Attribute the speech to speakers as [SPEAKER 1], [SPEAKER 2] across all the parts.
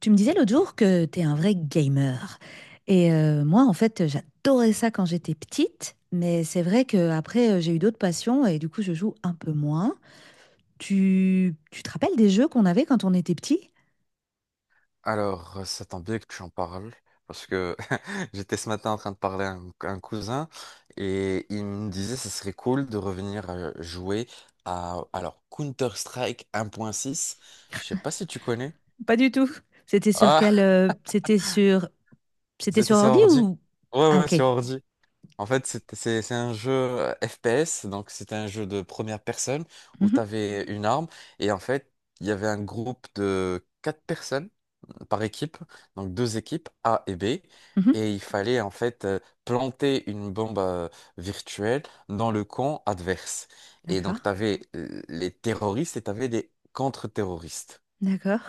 [SPEAKER 1] Tu me disais l'autre jour que t'es un vrai gamer. Et moi, en fait, j'adorais ça quand j'étais petite, mais c'est vrai que qu'après, j'ai eu d'autres passions et du coup, je joue un peu moins. Tu te rappelles des jeux qu'on avait quand on était petit?
[SPEAKER 2] Alors, ça tombe bien que tu en parles, parce que j'étais ce matin en train de parler à un cousin, et il me disait que ce serait cool de revenir jouer à, alors, Counter-Strike 1.6. Je sais pas si tu connais.
[SPEAKER 1] Pas du tout. C'était sur quel,
[SPEAKER 2] Ah,
[SPEAKER 1] c'était sur. C'était
[SPEAKER 2] c'était
[SPEAKER 1] sur
[SPEAKER 2] sur
[SPEAKER 1] ordi
[SPEAKER 2] ordi.
[SPEAKER 1] ou.
[SPEAKER 2] Ouais,
[SPEAKER 1] Ah,
[SPEAKER 2] ouais,
[SPEAKER 1] ok.
[SPEAKER 2] sur ordi. En fait, c'est un jeu FPS, donc c'était un jeu de première personne où
[SPEAKER 1] Mhm,
[SPEAKER 2] tu avais une arme et en fait, il y avait un groupe de quatre personnes par équipe, donc deux équipes A et B,
[SPEAKER 1] mhm.
[SPEAKER 2] et il fallait en fait planter une bombe virtuelle dans le camp adverse. Et donc,
[SPEAKER 1] D'accord.
[SPEAKER 2] tu avais les terroristes et tu avais des contre-terroristes.
[SPEAKER 1] D'accord.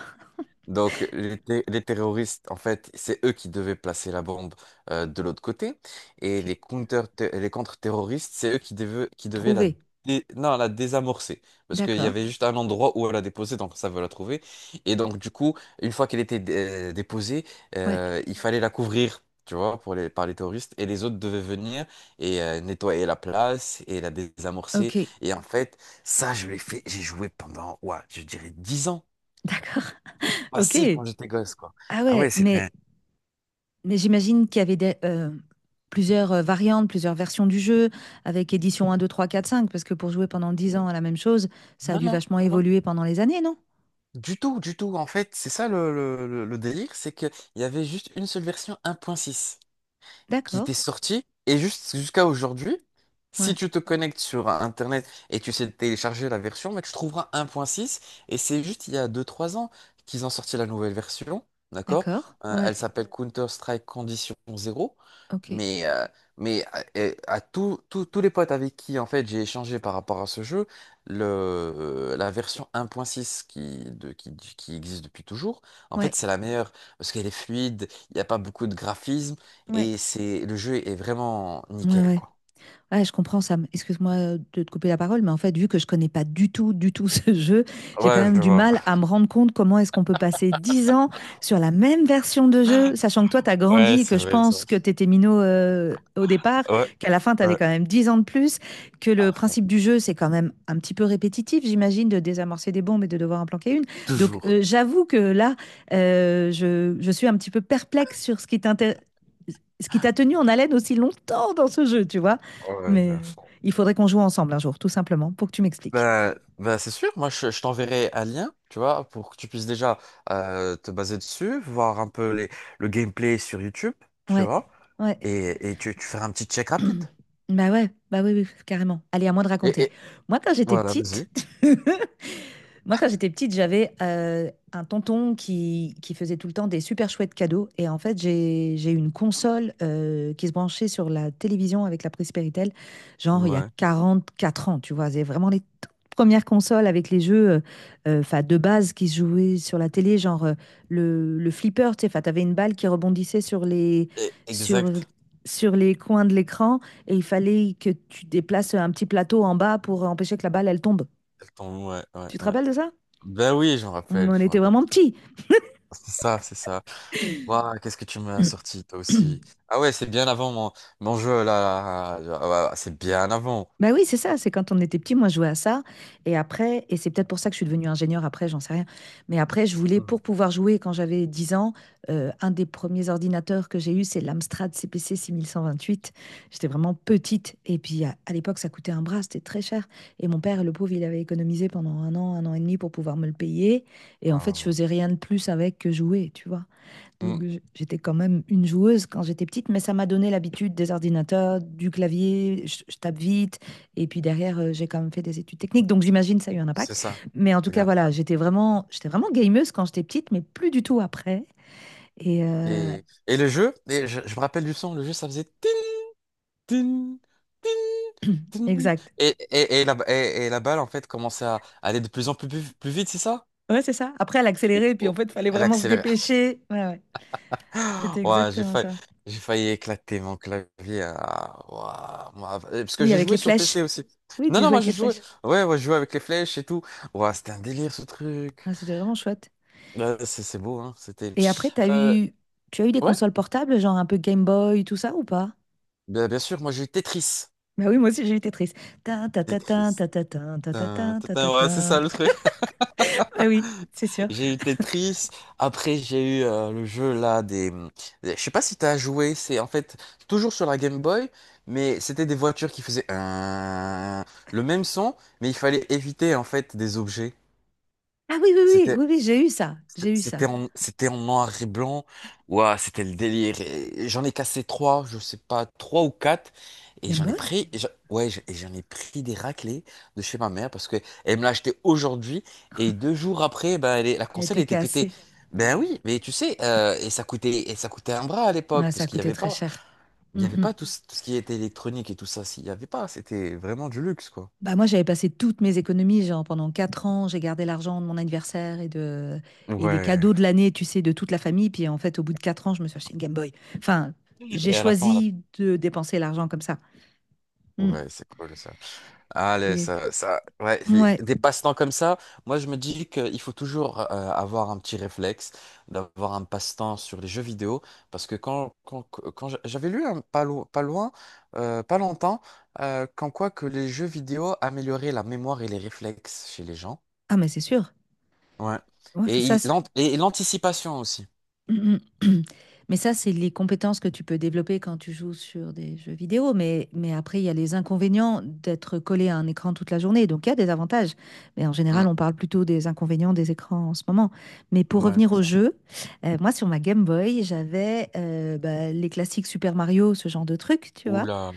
[SPEAKER 2] Donc, les terroristes, en fait, c'est eux qui devaient placer la bombe de l'autre côté. Et
[SPEAKER 1] Ok.
[SPEAKER 2] les contre-terroristes, c'est eux qui devaient
[SPEAKER 1] Trouver.
[SPEAKER 2] non, la désamorcer. Parce qu'il y
[SPEAKER 1] D'accord.
[SPEAKER 2] avait juste un endroit où elle a déposé, donc ça veut la trouver. Et donc, du coup, une fois qu'elle était déposée,
[SPEAKER 1] Ouais.
[SPEAKER 2] il fallait la couvrir, tu vois, par les terroristes. Et les autres devaient venir et nettoyer la place et la
[SPEAKER 1] Ok.
[SPEAKER 2] désamorcer. Et en fait, ça, je l'ai fait, j'ai joué pendant, ouais, je dirais 10 ans
[SPEAKER 1] D'accord.
[SPEAKER 2] facile
[SPEAKER 1] Ok.
[SPEAKER 2] quand j'étais gosse, quoi.
[SPEAKER 1] Ah
[SPEAKER 2] Ah ouais,
[SPEAKER 1] ouais, mais.
[SPEAKER 2] c'était...
[SPEAKER 1] Mais j'imagine qu'il y avait plusieurs variantes, plusieurs versions du jeu, avec édition un, 2, 3, 4, 5. Parce que pour jouer pendant 10 ans à la même chose, ça a
[SPEAKER 2] Non,
[SPEAKER 1] dû
[SPEAKER 2] non,
[SPEAKER 1] vachement
[SPEAKER 2] non, non.
[SPEAKER 1] évoluer pendant les années, non?
[SPEAKER 2] Du tout, du tout. En fait, c'est ça le délire, c'est qu'il y avait juste une seule version 1.6 qui
[SPEAKER 1] D'accord.
[SPEAKER 2] t'est sorti et juste jusqu'à aujourd'hui, si
[SPEAKER 1] Ouais.
[SPEAKER 2] tu te connectes sur Internet et tu sais télécharger la version, mais tu trouveras 1.6 et c'est juste il y a deux trois ans qu'ils ont sorti la nouvelle version, d'accord?
[SPEAKER 1] D'accord.
[SPEAKER 2] Euh,
[SPEAKER 1] Ouais.
[SPEAKER 2] elle s'appelle Counter-Strike Condition 0,
[SPEAKER 1] Ok.
[SPEAKER 2] mais, euh, mais à, et à tous les potes avec qui en fait j'ai échangé par rapport à ce jeu, le, la version 1.6 qui existe depuis toujours, en
[SPEAKER 1] Ouais.
[SPEAKER 2] fait c'est la meilleure parce qu'elle est fluide, il n'y a pas beaucoup de graphismes.
[SPEAKER 1] Ouais.
[SPEAKER 2] Et c'est, le jeu est vraiment
[SPEAKER 1] Ouais,
[SPEAKER 2] nickel,
[SPEAKER 1] ouais.
[SPEAKER 2] quoi.
[SPEAKER 1] Ouais, je comprends Sam. Excuse-moi, de te couper la parole, mais en fait, vu que je connais pas du tout, du tout ce jeu, j'ai quand
[SPEAKER 2] Ouais,
[SPEAKER 1] même
[SPEAKER 2] je
[SPEAKER 1] du
[SPEAKER 2] vois.
[SPEAKER 1] mal à me rendre compte comment est-ce qu'on peut passer 10 ans sur la même version de jeu, sachant que toi, tu as
[SPEAKER 2] Ouais,
[SPEAKER 1] grandi et
[SPEAKER 2] c'est
[SPEAKER 1] que je
[SPEAKER 2] vrai, c'est
[SPEAKER 1] pense
[SPEAKER 2] vrai.
[SPEAKER 1] que tu étais minot au départ,
[SPEAKER 2] Ouais,
[SPEAKER 1] qu'à la fin, tu avais
[SPEAKER 2] ouais.
[SPEAKER 1] quand même 10 ans de plus, que le
[SPEAKER 2] À fond.
[SPEAKER 1] principe du jeu, c'est quand même un petit peu répétitif, j'imagine, de désamorcer des bombes et de devoir en planquer une. Donc,
[SPEAKER 2] Toujours.
[SPEAKER 1] j'avoue que là, je suis un petit peu perplexe sur ce qui t'a tenu en haleine aussi longtemps dans ce jeu, tu vois.
[SPEAKER 2] Ouais, mais
[SPEAKER 1] Mais
[SPEAKER 2] à fond.
[SPEAKER 1] il faudrait qu'on joue ensemble un jour, tout simplement, pour que tu m'expliques.
[SPEAKER 2] Bah, bah c'est sûr, moi je t'enverrai un lien, tu vois, pour que tu puisses déjà te baser dessus, voir un peu les, le gameplay sur YouTube, tu
[SPEAKER 1] Ouais,
[SPEAKER 2] vois,
[SPEAKER 1] ouais.
[SPEAKER 2] et tu feras un petit check rapide.
[SPEAKER 1] Bah ouais, bah oui, oui, carrément. Allez, à moi de raconter.
[SPEAKER 2] Et-
[SPEAKER 1] Moi, quand j'étais
[SPEAKER 2] voilà, vas-y.
[SPEAKER 1] petite, Moi, quand j'étais petite, j'avais un tonton qui faisait tout le temps des super chouettes cadeaux. Et en fait, j'ai une console qui se branchait sur la télévision avec la prise Péritel, genre il y a
[SPEAKER 2] Ouais.
[SPEAKER 1] 44 ans, tu vois. C'est vraiment les toutes premières consoles avec les jeux 'fin, de base qui se jouaient sur la télé, genre le flipper, tu sais, tu avais une balle qui rebondissait
[SPEAKER 2] Et-
[SPEAKER 1] sur,
[SPEAKER 2] Exact.
[SPEAKER 1] sur les coins de l'écran et il fallait que tu déplaces un petit plateau en bas pour empêcher que la balle, elle tombe.
[SPEAKER 2] Attends, ouais, ouais,
[SPEAKER 1] Tu te
[SPEAKER 2] ouais.
[SPEAKER 1] rappelles de ça?
[SPEAKER 2] Ben oui, je me rappelle,
[SPEAKER 1] On
[SPEAKER 2] je me
[SPEAKER 1] était
[SPEAKER 2] rappelle.
[SPEAKER 1] vraiment petits.
[SPEAKER 2] C'est ça, c'est ça. Waouh, qu'est-ce que tu m'as sorti, toi aussi. Ah ouais, c'est bien avant mon, mon jeu, là. Là, là, là. Ouais, c'est bien avant.
[SPEAKER 1] Ben oui, c'est ça, c'est quand on était petit, moi je jouais à ça. Et après, et c'est peut-être pour ça que je suis devenue ingénieure après, j'en sais rien. Mais après, je voulais,
[SPEAKER 2] Hmm.
[SPEAKER 1] pour pouvoir jouer quand j'avais 10 ans, un des premiers ordinateurs que j'ai eu, c'est l'Amstrad CPC 6128. J'étais vraiment petite. Et puis à l'époque, ça coûtait un bras, c'était très cher. Et mon père, le pauvre, il avait économisé pendant un an et demi pour pouvoir me le payer. Et en fait, je
[SPEAKER 2] Ah,
[SPEAKER 1] faisais rien de plus avec que jouer, tu vois.
[SPEAKER 2] ouais. Hmm,
[SPEAKER 1] Donc j'étais quand même une joueuse quand j'étais petite, mais ça m'a donné l'habitude des ordinateurs, du clavier, je tape vite, et puis derrière j'ai quand même fait des études techniques, donc j'imagine ça a eu un
[SPEAKER 2] c'est
[SPEAKER 1] impact.
[SPEAKER 2] ça.
[SPEAKER 1] Mais en tout
[SPEAKER 2] C'est
[SPEAKER 1] cas
[SPEAKER 2] grave.
[SPEAKER 1] voilà, j'étais vraiment gameuse quand j'étais petite, mais plus du tout après. Et euh,
[SPEAKER 2] Et le jeu, et je me rappelle du son, le jeu, ça faisait... tin, tin, tin, tin.
[SPEAKER 1] Exact.
[SPEAKER 2] Et la balle, en fait, commençait à aller de plus en plus, plus, plus vite, c'est ça?
[SPEAKER 1] Ouais, c'est ça. Après elle accélérait, et puis en
[SPEAKER 2] Ou-
[SPEAKER 1] fait il fallait
[SPEAKER 2] Elle
[SPEAKER 1] vraiment se
[SPEAKER 2] accélérait.
[SPEAKER 1] dépêcher. Ouais, ouais. C'était
[SPEAKER 2] Ouais,
[SPEAKER 1] exactement ça.
[SPEAKER 2] j'ai failli éclater mon clavier. Hein. Ah, ouah, moi, parce que
[SPEAKER 1] Oui,
[SPEAKER 2] j'ai
[SPEAKER 1] avec les
[SPEAKER 2] joué sur
[SPEAKER 1] flèches.
[SPEAKER 2] PC aussi.
[SPEAKER 1] Oui,
[SPEAKER 2] Non,
[SPEAKER 1] tu
[SPEAKER 2] non,
[SPEAKER 1] jouais
[SPEAKER 2] moi
[SPEAKER 1] avec les
[SPEAKER 2] j'ai joué.
[SPEAKER 1] flèches.
[SPEAKER 2] Ouais, ouais, je jouais avec les flèches et tout. Ouais, c'était un délire ce truc.
[SPEAKER 1] Ah, c'était vraiment chouette.
[SPEAKER 2] Ouais, c'est beau, hein. C'était.
[SPEAKER 1] Et après,
[SPEAKER 2] Euh,
[SPEAKER 1] tu as eu des
[SPEAKER 2] ouais,
[SPEAKER 1] consoles portables, genre un peu Game Boy, tout ça ou pas?
[SPEAKER 2] bien, bien sûr, moi j'ai eu Tetris.
[SPEAKER 1] Bah oui, moi aussi j'ai eu Tetris. Ta ta, ta, ta
[SPEAKER 2] Tetris.
[SPEAKER 1] ta, ta, ta ta,
[SPEAKER 2] Tin,
[SPEAKER 1] ta,
[SPEAKER 2] tin,
[SPEAKER 1] ta
[SPEAKER 2] tin,
[SPEAKER 1] ta, ta,
[SPEAKER 2] ouais, c'est
[SPEAKER 1] ta.
[SPEAKER 2] ça le truc.
[SPEAKER 1] Ah oui, c'est sûr.
[SPEAKER 2] J'ai eu Tetris, après j'ai eu le jeu là des... Je sais pas si t'as joué, c'est en fait toujours sur la Game Boy, mais c'était des voitures qui faisaient un... le même son, mais il fallait éviter en fait des objets.
[SPEAKER 1] Ah oui, oui, oui,
[SPEAKER 2] C'était
[SPEAKER 1] oui, oui, j'ai eu ça. J'ai eu ça.
[SPEAKER 2] c'était en noir et blanc. Ouah, c'était le délire. Et- j'en ai cassé trois, je sais pas, trois ou quatre. Et
[SPEAKER 1] Game
[SPEAKER 2] j'en ai
[SPEAKER 1] Boy?
[SPEAKER 2] pris, et j'en- ouais, j'ai- et j'en ai pris des raclées de chez ma mère parce que elle me l'a acheté aujourd'hui. Et 2 jours après, ben, elle est- la
[SPEAKER 1] Elle
[SPEAKER 2] console
[SPEAKER 1] était
[SPEAKER 2] elle était pétée.
[SPEAKER 1] cassée. Ouais,
[SPEAKER 2] Ben
[SPEAKER 1] ouais.
[SPEAKER 2] oui, mais tu sais, et ça coûtait un bras à l'époque
[SPEAKER 1] Ouais, ça
[SPEAKER 2] parce
[SPEAKER 1] a
[SPEAKER 2] qu'il n'y
[SPEAKER 1] coûté
[SPEAKER 2] avait
[SPEAKER 1] très
[SPEAKER 2] pas,
[SPEAKER 1] cher.
[SPEAKER 2] il y
[SPEAKER 1] Mm,
[SPEAKER 2] avait
[SPEAKER 1] mm.
[SPEAKER 2] pas tout, ce tout ce qui était électronique et tout ça. S'il y avait pas, c'était vraiment du luxe, quoi.
[SPEAKER 1] Bah moi, j'avais passé toutes mes économies, genre pendant 4 ans, j'ai gardé l'argent de mon anniversaire et des
[SPEAKER 2] Ouais.
[SPEAKER 1] cadeaux de l'année, tu sais, de toute la famille. Puis en fait, au bout de 4 ans, je me suis acheté une Game Boy. Enfin, j'ai
[SPEAKER 2] Et à la fin, on a-
[SPEAKER 1] choisi de dépenser l'argent comme ça. Mm.
[SPEAKER 2] ouais, c'est cool ça. Ah, le-
[SPEAKER 1] Et
[SPEAKER 2] ça, ouais,
[SPEAKER 1] ouais,
[SPEAKER 2] des passe-temps comme ça, moi je me dis qu'il faut toujours avoir un petit réflexe, d'avoir un passe-temps sur les jeux vidéo, parce que quand j'a- j'avais lu un, pas, lo- pas loin, pas longtemps, qu'en quoi que les jeux vidéo amélioraient la mémoire et les réflexes chez les gens.
[SPEAKER 1] ah mais c'est sûr.
[SPEAKER 2] Ouais.
[SPEAKER 1] Ouais,
[SPEAKER 2] Et
[SPEAKER 1] ça.
[SPEAKER 2] il- l'ant- et l'anticipation aussi.
[SPEAKER 1] Mm, mm. Mais ça, c'est les compétences que tu peux développer quand tu joues sur des jeux vidéo. Mais après, il y a les inconvénients d'être collé à un écran toute la journée. Donc, il y a des avantages. Mais en
[SPEAKER 2] Mm.
[SPEAKER 1] général, on parle plutôt des inconvénients des écrans en ce moment. Mais pour
[SPEAKER 2] Ouais,
[SPEAKER 1] revenir
[SPEAKER 2] c'est
[SPEAKER 1] au
[SPEAKER 2] ça.
[SPEAKER 1] jeu, moi, sur ma Game Boy, j'avais bah, les classiques Super Mario, ce genre de trucs, tu vois.
[SPEAKER 2] Oula,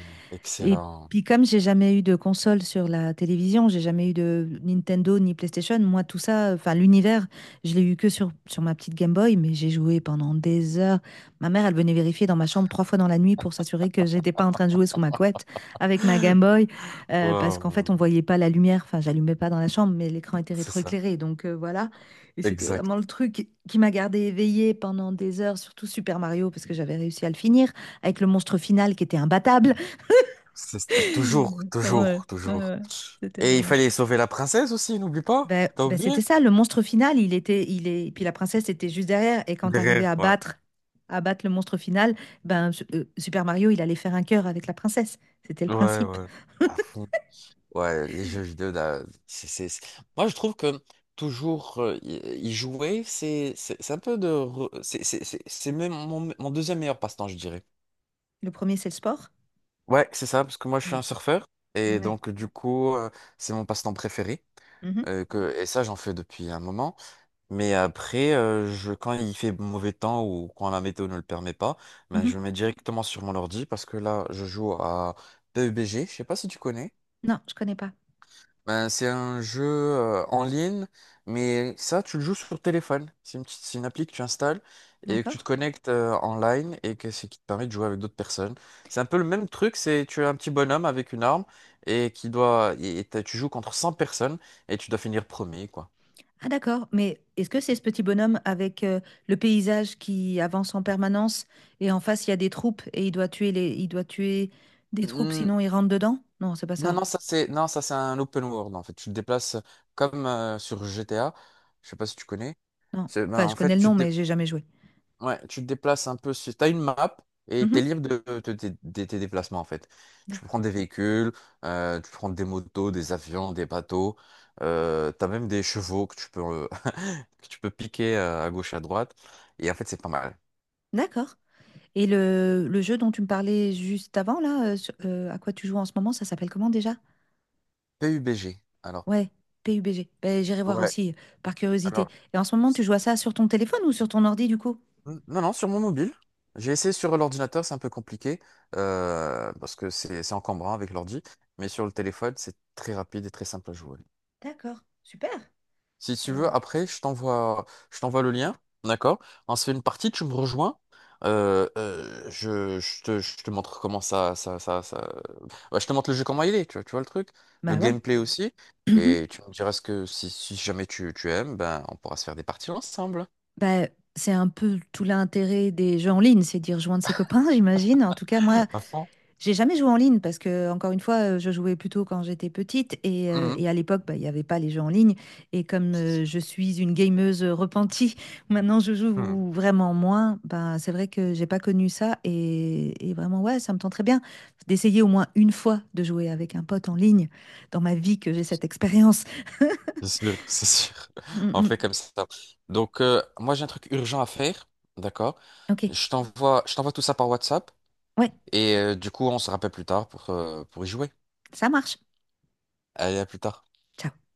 [SPEAKER 1] Et
[SPEAKER 2] excellent.
[SPEAKER 1] puis comme j'ai jamais eu de console sur la télévision, j'ai jamais eu de Nintendo ni PlayStation, moi tout ça, enfin l'univers, je l'ai eu que sur ma petite Game Boy, mais j'ai joué pendant des heures. Ma mère, elle venait vérifier dans ma chambre trois fois dans la nuit pour s'assurer que j'étais pas en train de jouer sous ma couette avec ma Game Boy, parce qu'en fait on
[SPEAKER 2] Wow,
[SPEAKER 1] voyait pas la lumière, enfin j'allumais pas dans la chambre, mais l'écran était
[SPEAKER 2] c'est ça,
[SPEAKER 1] rétroéclairé, donc voilà. Et c'était
[SPEAKER 2] exact.
[SPEAKER 1] vraiment le truc qui m'a gardée éveillée pendant des heures, surtout Super Mario, parce que j'avais réussi à le finir, avec le monstre final qui était imbattable.
[SPEAKER 2] C'est- toujours,
[SPEAKER 1] Ouais, ouais,
[SPEAKER 2] toujours, toujours.
[SPEAKER 1] ouais. C'était
[SPEAKER 2] Et il
[SPEAKER 1] vraiment
[SPEAKER 2] fallait
[SPEAKER 1] chouette.
[SPEAKER 2] sauver la princesse aussi, n'oublie pas.
[SPEAKER 1] Ben,
[SPEAKER 2] T'as
[SPEAKER 1] ben,
[SPEAKER 2] oublié?
[SPEAKER 1] c'était ça, le monstre final, il était, il est, puis la princesse était juste derrière, et quand t'arrivais
[SPEAKER 2] Derrière, ouais.
[SPEAKER 1] à battre le monstre final, ben Super Mario, il allait faire un cœur avec la princesse. C'était le
[SPEAKER 2] Ouais,
[SPEAKER 1] principe.
[SPEAKER 2] ouais. À fond. Ouais, les jeux vidéo, là, c'est- moi, je trouve que toujours y jouer, c'est un peu de... re- c'est c'est même mon, mon deuxième meilleur passe-temps, je dirais.
[SPEAKER 1] Le premier, c'est le sport.
[SPEAKER 2] Ouais, c'est ça, parce que moi, je suis
[SPEAKER 1] Mm.
[SPEAKER 2] un surfeur. Et
[SPEAKER 1] Ouais.
[SPEAKER 2] donc, du coup, c'est mon passe-temps préféré.
[SPEAKER 1] Mhm,
[SPEAKER 2] Que Et ça, j'en fais depuis un moment. Mais après, je, quand il fait mauvais temps ou quand la météo ne le permet pas, ben,
[SPEAKER 1] mhm.
[SPEAKER 2] je me mets directement sur mon ordi parce que là, je joue à PUBG. Je sais pas si tu connais.
[SPEAKER 1] Non, je connais pas.
[SPEAKER 2] Ben, c'est un jeu en ligne, mais ça, tu le joues sur téléphone. C'est une, petite- c'est une appli que tu installes et que tu te
[SPEAKER 1] D'accord?
[SPEAKER 2] connectes en ligne et que c'est qui te permet de jouer avec d'autres personnes. C'est un peu le même truc, c'est tu es un petit bonhomme avec une arme et qui doit et t'as- tu joues contre 100 personnes et tu dois finir premier, quoi.
[SPEAKER 1] Ah d'accord, mais est-ce que c'est ce petit bonhomme avec le paysage qui avance en permanence et en face il y a des troupes et il doit tuer des troupes
[SPEAKER 2] Mmh,
[SPEAKER 1] sinon il rentre dedans? Non, c'est pas
[SPEAKER 2] Non,
[SPEAKER 1] ça.
[SPEAKER 2] non, ça c'est non, ça c'est un open world en fait. Tu te déplaces comme sur GTA. Je sais pas si tu connais.
[SPEAKER 1] Non.
[SPEAKER 2] C'est- ben,
[SPEAKER 1] Enfin, je
[SPEAKER 2] en fait,
[SPEAKER 1] connais le nom, mais j'ai jamais joué.
[SPEAKER 2] ouais, tu te déplaces un peu. Tu as une map et tu es
[SPEAKER 1] Mhm.
[SPEAKER 2] libre de, de tes déplacements en fait. Tu
[SPEAKER 1] D'accord.
[SPEAKER 2] prends des véhicules, tu prends des motos, des avions, des bateaux. Tu as même des chevaux que tu peux, que tu peux piquer à gauche et à droite. Et en fait, c'est pas mal.
[SPEAKER 1] D'accord. Et le jeu dont tu me parlais juste avant, là, à quoi tu joues en ce moment, ça s'appelle comment déjà?
[SPEAKER 2] PUBG. Alors,
[SPEAKER 1] Ouais, PUBG. Ben, j'irai voir
[SPEAKER 2] ouais.
[SPEAKER 1] aussi, par curiosité.
[SPEAKER 2] Alors.
[SPEAKER 1] Et en ce moment, tu joues à ça sur ton téléphone ou sur ton ordi, du coup?
[SPEAKER 2] N- non, non, sur mon mobile. J'ai essayé sur l'ordinateur, c'est un peu compliqué, parce que c'est encombrant avec l'ordi, mais sur le téléphone, c'est très rapide et très simple à jouer.
[SPEAKER 1] D'accord. Super.
[SPEAKER 2] Si tu
[SPEAKER 1] Euh,
[SPEAKER 2] veux, après, je t'envoie le lien, d'accord? On se fait une partie, tu me rejoins, je te montre comment ça, Ouais, je te montre le jeu comment il est, tu vois le truc, le
[SPEAKER 1] Bah ouais.
[SPEAKER 2] gameplay aussi,
[SPEAKER 1] Mhm.
[SPEAKER 2] et tu me diras ce que si, si jamais tu, tu aimes, ben, on pourra se faire des parties ensemble.
[SPEAKER 1] Bah, c'est un peu tout l'intérêt des jeux en ligne, c'est d'y rejoindre ses copains, j'imagine. En tout cas, moi,
[SPEAKER 2] À fond.
[SPEAKER 1] j'ai jamais joué en ligne parce que, encore une fois, je jouais plutôt quand j'étais petite et, euh,
[SPEAKER 2] Mhm.
[SPEAKER 1] et à l'époque, bah, il n'y avait pas les jeux en ligne. Et comme
[SPEAKER 2] C'est sûr.
[SPEAKER 1] je suis une gameuse repentie, maintenant je
[SPEAKER 2] Hmm.
[SPEAKER 1] joue vraiment moins. Bah, c'est vrai que j'ai pas connu ça et vraiment, ouais, ça me tente très bien d'essayer au moins une fois de jouer avec un pote en ligne dans ma vie que j'ai cette expérience.
[SPEAKER 2] C'est sûr, c'est sûr.
[SPEAKER 1] Mm,
[SPEAKER 2] On
[SPEAKER 1] mm.
[SPEAKER 2] fait comme ça. Donc, moi, j'ai un truc urgent à faire. D'accord?
[SPEAKER 1] Ok,
[SPEAKER 2] Je t'envoie tout ça par WhatsApp.
[SPEAKER 1] ouais,
[SPEAKER 2] Et du coup, on se rappelle plus tard pour y jouer.
[SPEAKER 1] ça marche.
[SPEAKER 2] Allez, à plus tard.
[SPEAKER 1] Ciao.